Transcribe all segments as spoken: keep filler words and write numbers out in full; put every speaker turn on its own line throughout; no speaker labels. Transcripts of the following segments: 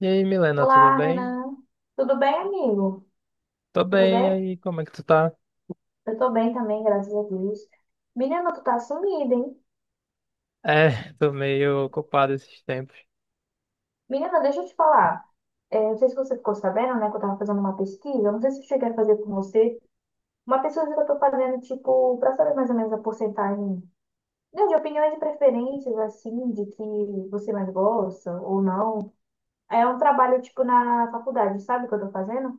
E aí, Milena, tudo
Olá,
bem?
Renan. Tudo bem, amigo?
Tô
Tudo
bem, e
bem?
aí, como é que tu tá?
Eu tô bem também, graças a Deus. Menina, tu tá sumida, hein?
É, tô meio ocupado esses tempos.
Menina, deixa eu te falar. É, não sei se você ficou sabendo, né, que eu tava fazendo uma pesquisa. Eu Não sei se eu cheguei a fazer com você. Uma pesquisa que eu tô fazendo, tipo, pra saber mais ou menos a porcentagem, né, de opiniões e preferências, assim, de que você mais gosta ou não. É um trabalho, tipo, na faculdade, sabe o que eu tô fazendo?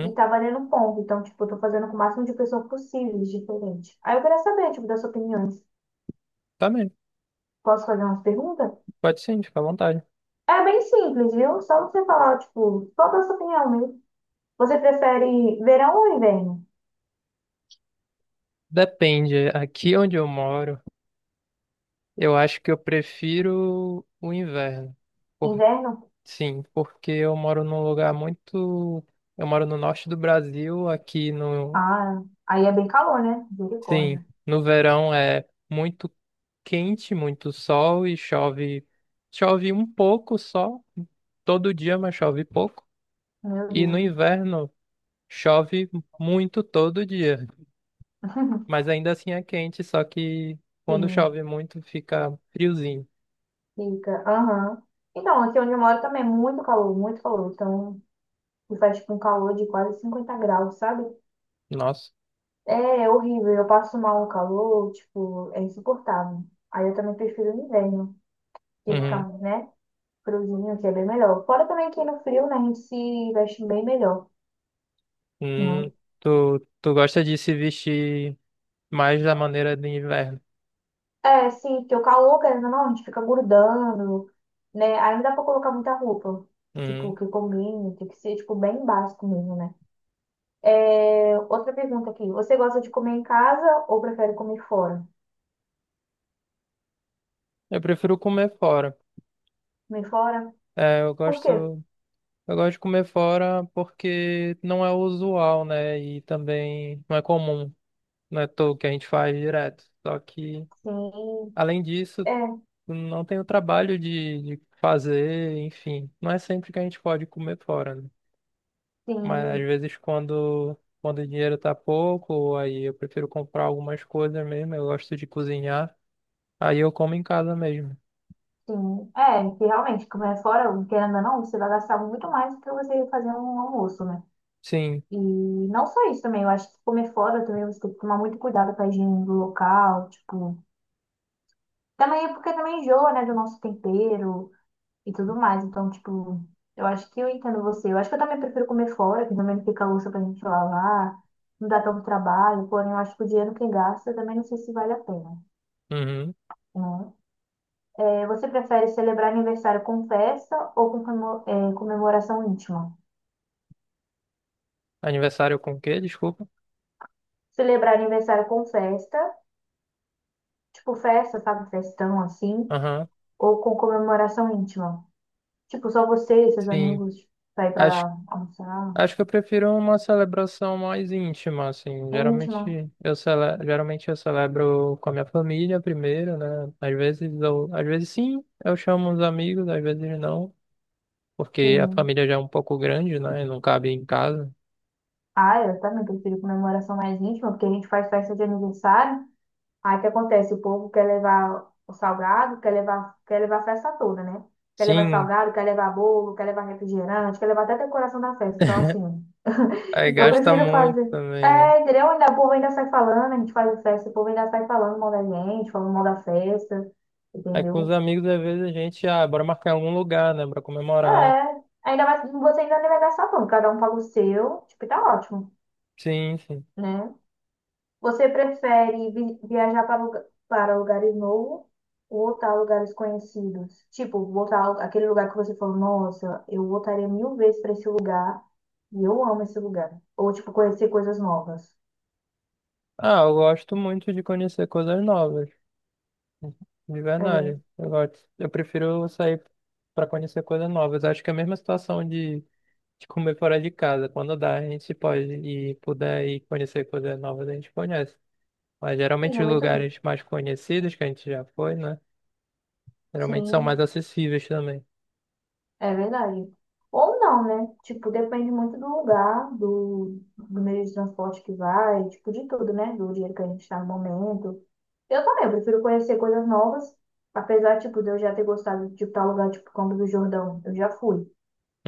E tá valendo um ponto. Então, tipo, eu tô fazendo com o máximo de pessoas possíveis, diferente. Aí eu queria saber, tipo, das suas opiniões.
tá bem.
Posso fazer umas perguntas?
Pode sim, fica à vontade.
É bem simples, viu? Só você falar, tipo, qual é a sua opinião mesmo? Você prefere verão ou inverno?
Depende, aqui onde eu moro, eu acho que eu prefiro o inverno. Por-
Inverno?
Sim, porque eu moro num lugar muito. Eu moro no norte do Brasil, aqui no.
Ah, aí é bem calor, né?
Sim,
Misericórdia.
no verão é muito quente, muito sol e chove. Chove um pouco só, todo dia, mas chove pouco.
Meu
E no
Deus.
inverno chove muito todo dia, mas ainda assim é quente, só que quando
Sim,
chove muito fica friozinho.
fica. Aham. Então, aqui onde eu moro também é muito calor, muito calor. Então, faz, tipo, um calor de quase cinquenta graus, sabe?
Nossa.
É horrível, eu passo mal no calor, tipo, é insuportável. Aí eu também prefiro o inverno, que fica,
Uhum.
né, friozinho, que é bem melhor. Fora também que no frio, né, a gente se veste bem melhor, né?
Hum. Tu, tu gosta de se vestir mais da maneira de inverno?
É, sim, porque o calor, querendo ou não, a gente fica grudando, né? Aí não dá pra colocar muita roupa, tipo,
Uhum.
que combine, tem que ser, tipo, bem básico mesmo, né? É, outra pergunta aqui, você gosta de comer em casa ou prefere comer fora?
Eu prefiro comer fora.
Comer fora?
É, eu
Por
gosto,
quê?
eu gosto de comer fora porque não é usual, né? E também não é comum, não é tudo que a gente faz direto. Só que,
Sim,
além disso,
é,
não tem o trabalho de, de fazer, enfim. Não é sempre que a gente pode comer fora, né? Mas às
sim.
vezes quando, quando o dinheiro tá pouco, aí eu prefiro comprar algumas coisas mesmo, eu gosto de cozinhar, aí eu como em casa mesmo.
Sim, é, que realmente, comer fora, querendo ou não, você vai gastar muito mais do que você fazer um almoço, né?
Sim.
E não só isso também, eu acho que comer fora também você tem que tomar muito cuidado com a higiene do local, tipo, também é porque também enjoa, né, do nosso tempero e tudo mais, então, tipo, eu acho que eu entendo você, eu acho que eu também prefiro comer fora, que também não fica louça pra gente lavar, não dá tanto trabalho, porém eu acho que o dinheiro que gasta também não sei se vale a pena,
Uhum.
né? É, você prefere celebrar aniversário com festa ou com comemo- é, comemoração íntima?
Aniversário com o quê? Desculpa.
Celebrar aniversário com festa, tipo festa, sabe, festão assim,
Aham.
ou com comemoração íntima? Tipo, só você e seus
Sim.
amigos vai
Acho
pra almoçar.
Acho que eu prefiro uma celebração mais íntima, assim.
É íntima,
Geralmente eu, cele... Geralmente eu celebro com a minha família primeiro, né? Às vezes eu... Às vezes sim, eu chamo os amigos, às vezes não, porque a
sim.
família já é um pouco grande, né? E não cabe em casa.
Ah, eu também prefiro comemoração mais íntima, porque a gente faz festa de aniversário. Aí o que acontece? O povo quer levar o salgado, quer levar, quer levar a festa toda, né? Quer levar
Sim,
salgado, quer levar bolo, quer levar refrigerante, quer levar até a decoração da festa. Então, assim.
aí
Eu
gasta
prefiro
muito
fazer.
também, né?
É, entendeu? Ainda, o povo ainda sai falando, a gente faz festa, o povo ainda sai falando mal da gente, falando mal da festa,
Aí com os
entendeu?
amigos, às vezes a gente, ah, bora marcar em algum lugar, né? Pra comemorar.
É, ainda mais, você ainda nem vai gastar tanto, cada um paga o seu, tipo, e tá ótimo,
Sim, sim.
né? Você prefere vi- viajar para, lugar- para lugares novos ou voltar a lugares conhecidos? Tipo, voltar ao- aquele lugar que você falou, nossa, eu voltaria mil vezes para esse lugar e eu amo esse lugar. Ou, tipo, conhecer coisas novas.
Ah, eu gosto muito de conhecer coisas novas. De
É,
verdade.
sim,
Eu gosto. Eu prefiro sair para conhecer coisas novas. Acho que é a mesma situação de, de comer fora de casa. Quando dá, a gente pode e puder ir conhecer coisas novas, a gente conhece. Mas geralmente
é
os
muito.
lugares mais conhecidos que a gente já foi, né? Geralmente são mais
Sim.
acessíveis também.
É verdade. Ou não, né? Tipo, depende muito do lugar, do, do meio de transporte que vai, tipo, de tudo, né? Do dinheiro que a gente está no momento. Eu também, eu prefiro conhecer coisas novas, apesar, tipo, de eu já ter gostado de tipo, tal lugar, tipo, Campos do Jordão. Eu já fui.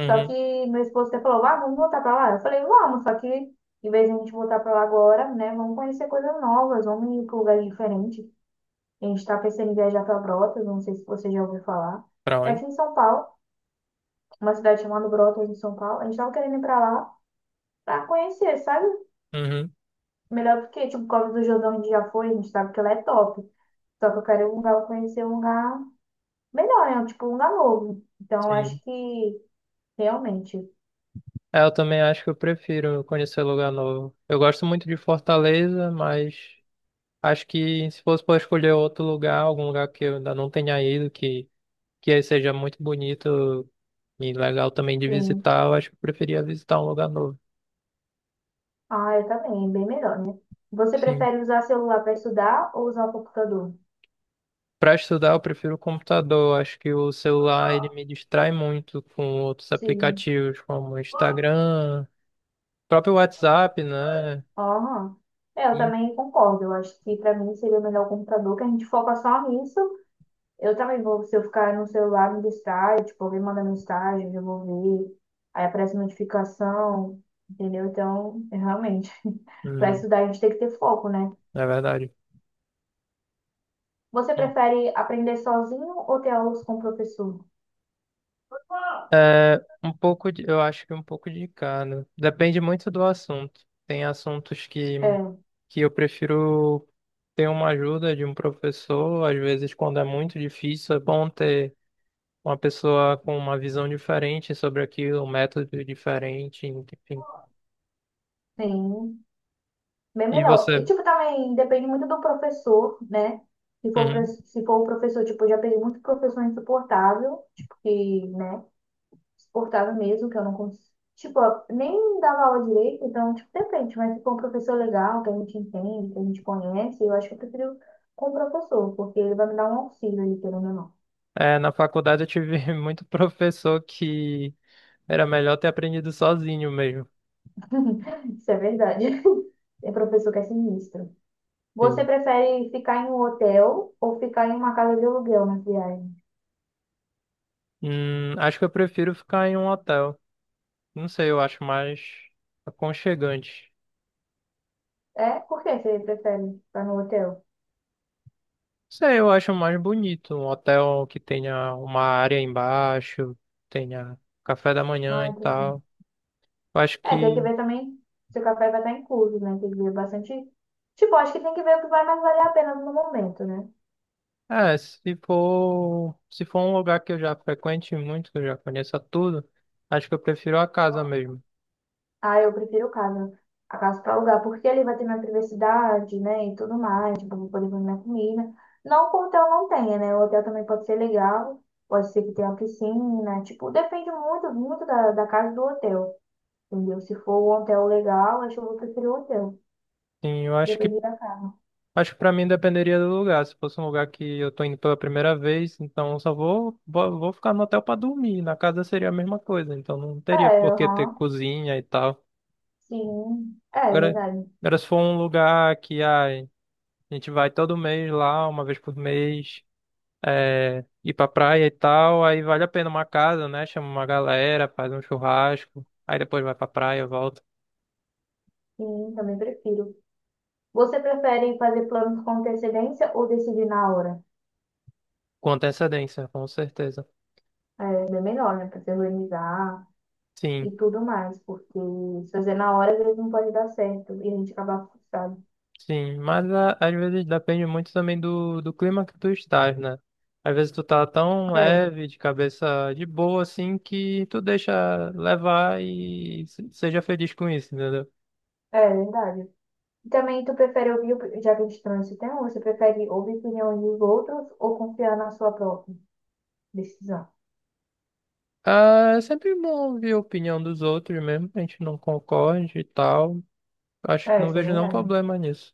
Só que meu esposo até falou, ah, vamos voltar pra lá. Eu falei, vamos, só que em vez de a gente voltar pra lá agora, né? Vamos conhecer coisas novas, vamos ir pra lugares diferentes. A gente tá pensando em viajar pra Brotas, não sei se você já ouviu falar.
Pra
É
onde?
aqui em São Paulo uma cidade chamada Brotas, em São Paulo. A gente tava querendo ir pra lá pra conhecer, sabe?
Uhum.
Melhor porque, tipo, Cova do Jordão a gente já foi, a gente sabe que ela é top. Só que eu quero ir um lugar, conhecer um lugar melhor, né? Tipo, um lugar novo. Então, eu
Sim.
acho que realmente,
É, eu também acho que eu prefiro conhecer lugar novo. Eu gosto muito de Fortaleza, mas acho que se fosse para escolher outro lugar, algum lugar que eu ainda não tenha ido, que que seja muito bonito e legal também de
sim.
visitar, eu acho que eu preferia visitar um lugar novo.
Ah, eu também, bem melhor, né? Você
Sim.
prefere usar celular para estudar ou usar o computador?
Para estudar, eu prefiro o computador. Acho que o celular ele me distrai muito com outros
Sim.
aplicativos como o Instagram, próprio WhatsApp, né?
Aham. É, eu
E,
também concordo. Eu acho que para mim seria melhor o computador, que a gente foca só nisso. Eu também vou, se eu ficar no celular, me distrai, tipo, alguém manda mensagem, eu vou ver, aí aparece notificação, entendeu? Então, é realmente, para
hum,
estudar a gente tem que ter foco, né?
é verdade.
Você prefere aprender sozinho ou ter aulas com o professor?
É, um pouco de, eu acho que um pouco de cada. Depende muito do assunto. Tem assuntos que,
É,
que eu prefiro ter uma ajuda de um professor. Às vezes, quando é muito difícil, é bom ter uma pessoa com uma visão diferente sobre aquilo, um método diferente, enfim.
sim, bem
E
melhor. E,
você?
tipo, também depende muito do professor, né? Se for, pra-
Uhum.
se for o professor, tipo, eu já peguei muito professor insuportável, tipo, que, né? Suportava mesmo, que eu não conseguia. Tipo, eu nem dava aula direito, então, tipo, depende, mas se for um professor legal, que a gente entende, que a gente conhece, eu acho que eu prefiro com o professor, porque ele vai me dar um auxílio ali, pelo ou não.
É, na faculdade eu tive muito professor que era melhor ter aprendido sozinho mesmo.
Isso é verdade. É professor que é sinistro. Você
Sim.
prefere ficar em um hotel ou ficar em uma casa de aluguel na viagem?
Hum, acho que eu prefiro ficar em um hotel. Não sei, eu acho mais aconchegante.
É? Por que você prefere ficar no hotel?
Não sei, eu acho mais bonito. Um hotel que tenha uma área embaixo, tenha café da manhã
Ah,
e
entendi.
tal. Eu acho
É, tem que
que,
ver também se o café vai estar incluso, né? Tem que ver bastante. Tipo, acho que tem que ver o que vai mais valer a pena no momento, né?
é, se for, se for um lugar que eu já frequente muito, que eu já conheça tudo, acho que eu prefiro a casa mesmo.
Ah, eu prefiro casa. A casa para alugar, porque ali vai ter minha privacidade, né? E tudo mais, tipo, vou poder fazer minha comida. Não que o hotel não tenha, né? O hotel também pode ser legal, pode ser que tenha piscina, tipo, depende muito, muito da, da casa do hotel, entendeu? Se for um hotel legal, acho que eu vou preferir o hotel,
Sim, eu acho que,
depende da casa.
Acho que pra mim dependeria do lugar. Se fosse um lugar que eu tô indo pela primeira vez, então eu só vou, vou, vou ficar no hotel pra dormir. Na casa seria a mesma coisa, então não
É,
teria por que ter
aham,
cozinha e tal.
sim, é
Agora,
verdade.
Agora se for um lugar que ai, a gente vai todo mês lá, uma vez por mês, é, ir pra praia e tal, aí vale a pena uma casa, né? Chama uma galera, faz um churrasco, aí depois vai pra praia, volta.
Sim, também prefiro. Você prefere fazer planos com antecedência ou decidir na hora?
Com antecedência, com certeza.
É é bem melhor, né? Pra se organizar. E
Sim,
tudo mais, porque se fazer na hora às vezes não pode dar certo e a gente acabar frustrado.
sim. Mas a- às vezes depende muito também do, do clima que tu estás, né? Às vezes tu tá tão
É,
leve, de cabeça de boa, assim, que tu deixa levar e se- seja feliz com isso, entendeu?
é verdade. E também tu prefere ouvir, op- já que a gente trouxe esse tema, você prefere ouvir opiniões dos outros ou confiar na sua própria decisão?
Ah, é sempre bom ouvir a opinião dos outros mesmo, que a gente não concorde e tal. Acho que
É,
não
isso é
vejo nenhum
verdade.
problema nisso.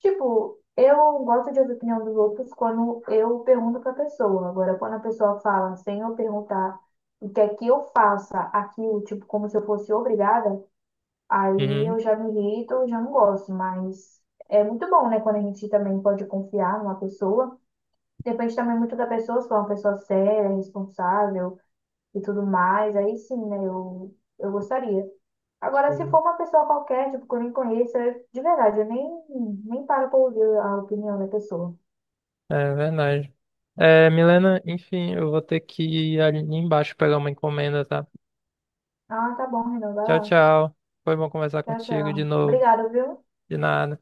Tipo, eu gosto de ouvir a opinião dos outros quando eu pergunto pra pessoa. Agora, quando a pessoa fala sem eu perguntar o que é que eu faça aquilo, tipo, como se eu fosse obrigada, aí
Uhum,
eu já me irrito, eu já não gosto, mas é muito bom, né? Quando a gente também pode confiar numa pessoa. Depende também muito da pessoa, se for uma pessoa séria, responsável e tudo mais. Aí sim, né? Eu, eu gostaria. Agora, se
sim.
for uma pessoa qualquer, tipo, que eu nem conheço, eu- de verdade, eu nem, nem paro pra ouvir a opinião da pessoa.
É verdade. É, Milena, enfim, eu vou ter que ir ali embaixo pegar uma encomenda, tá?
Ah, tá bom, Renan, vai
Tchau,
lá.
tchau. Foi bom conversar
Tchau,
contigo de
tchau.
novo.
Obrigada, viu?
De nada.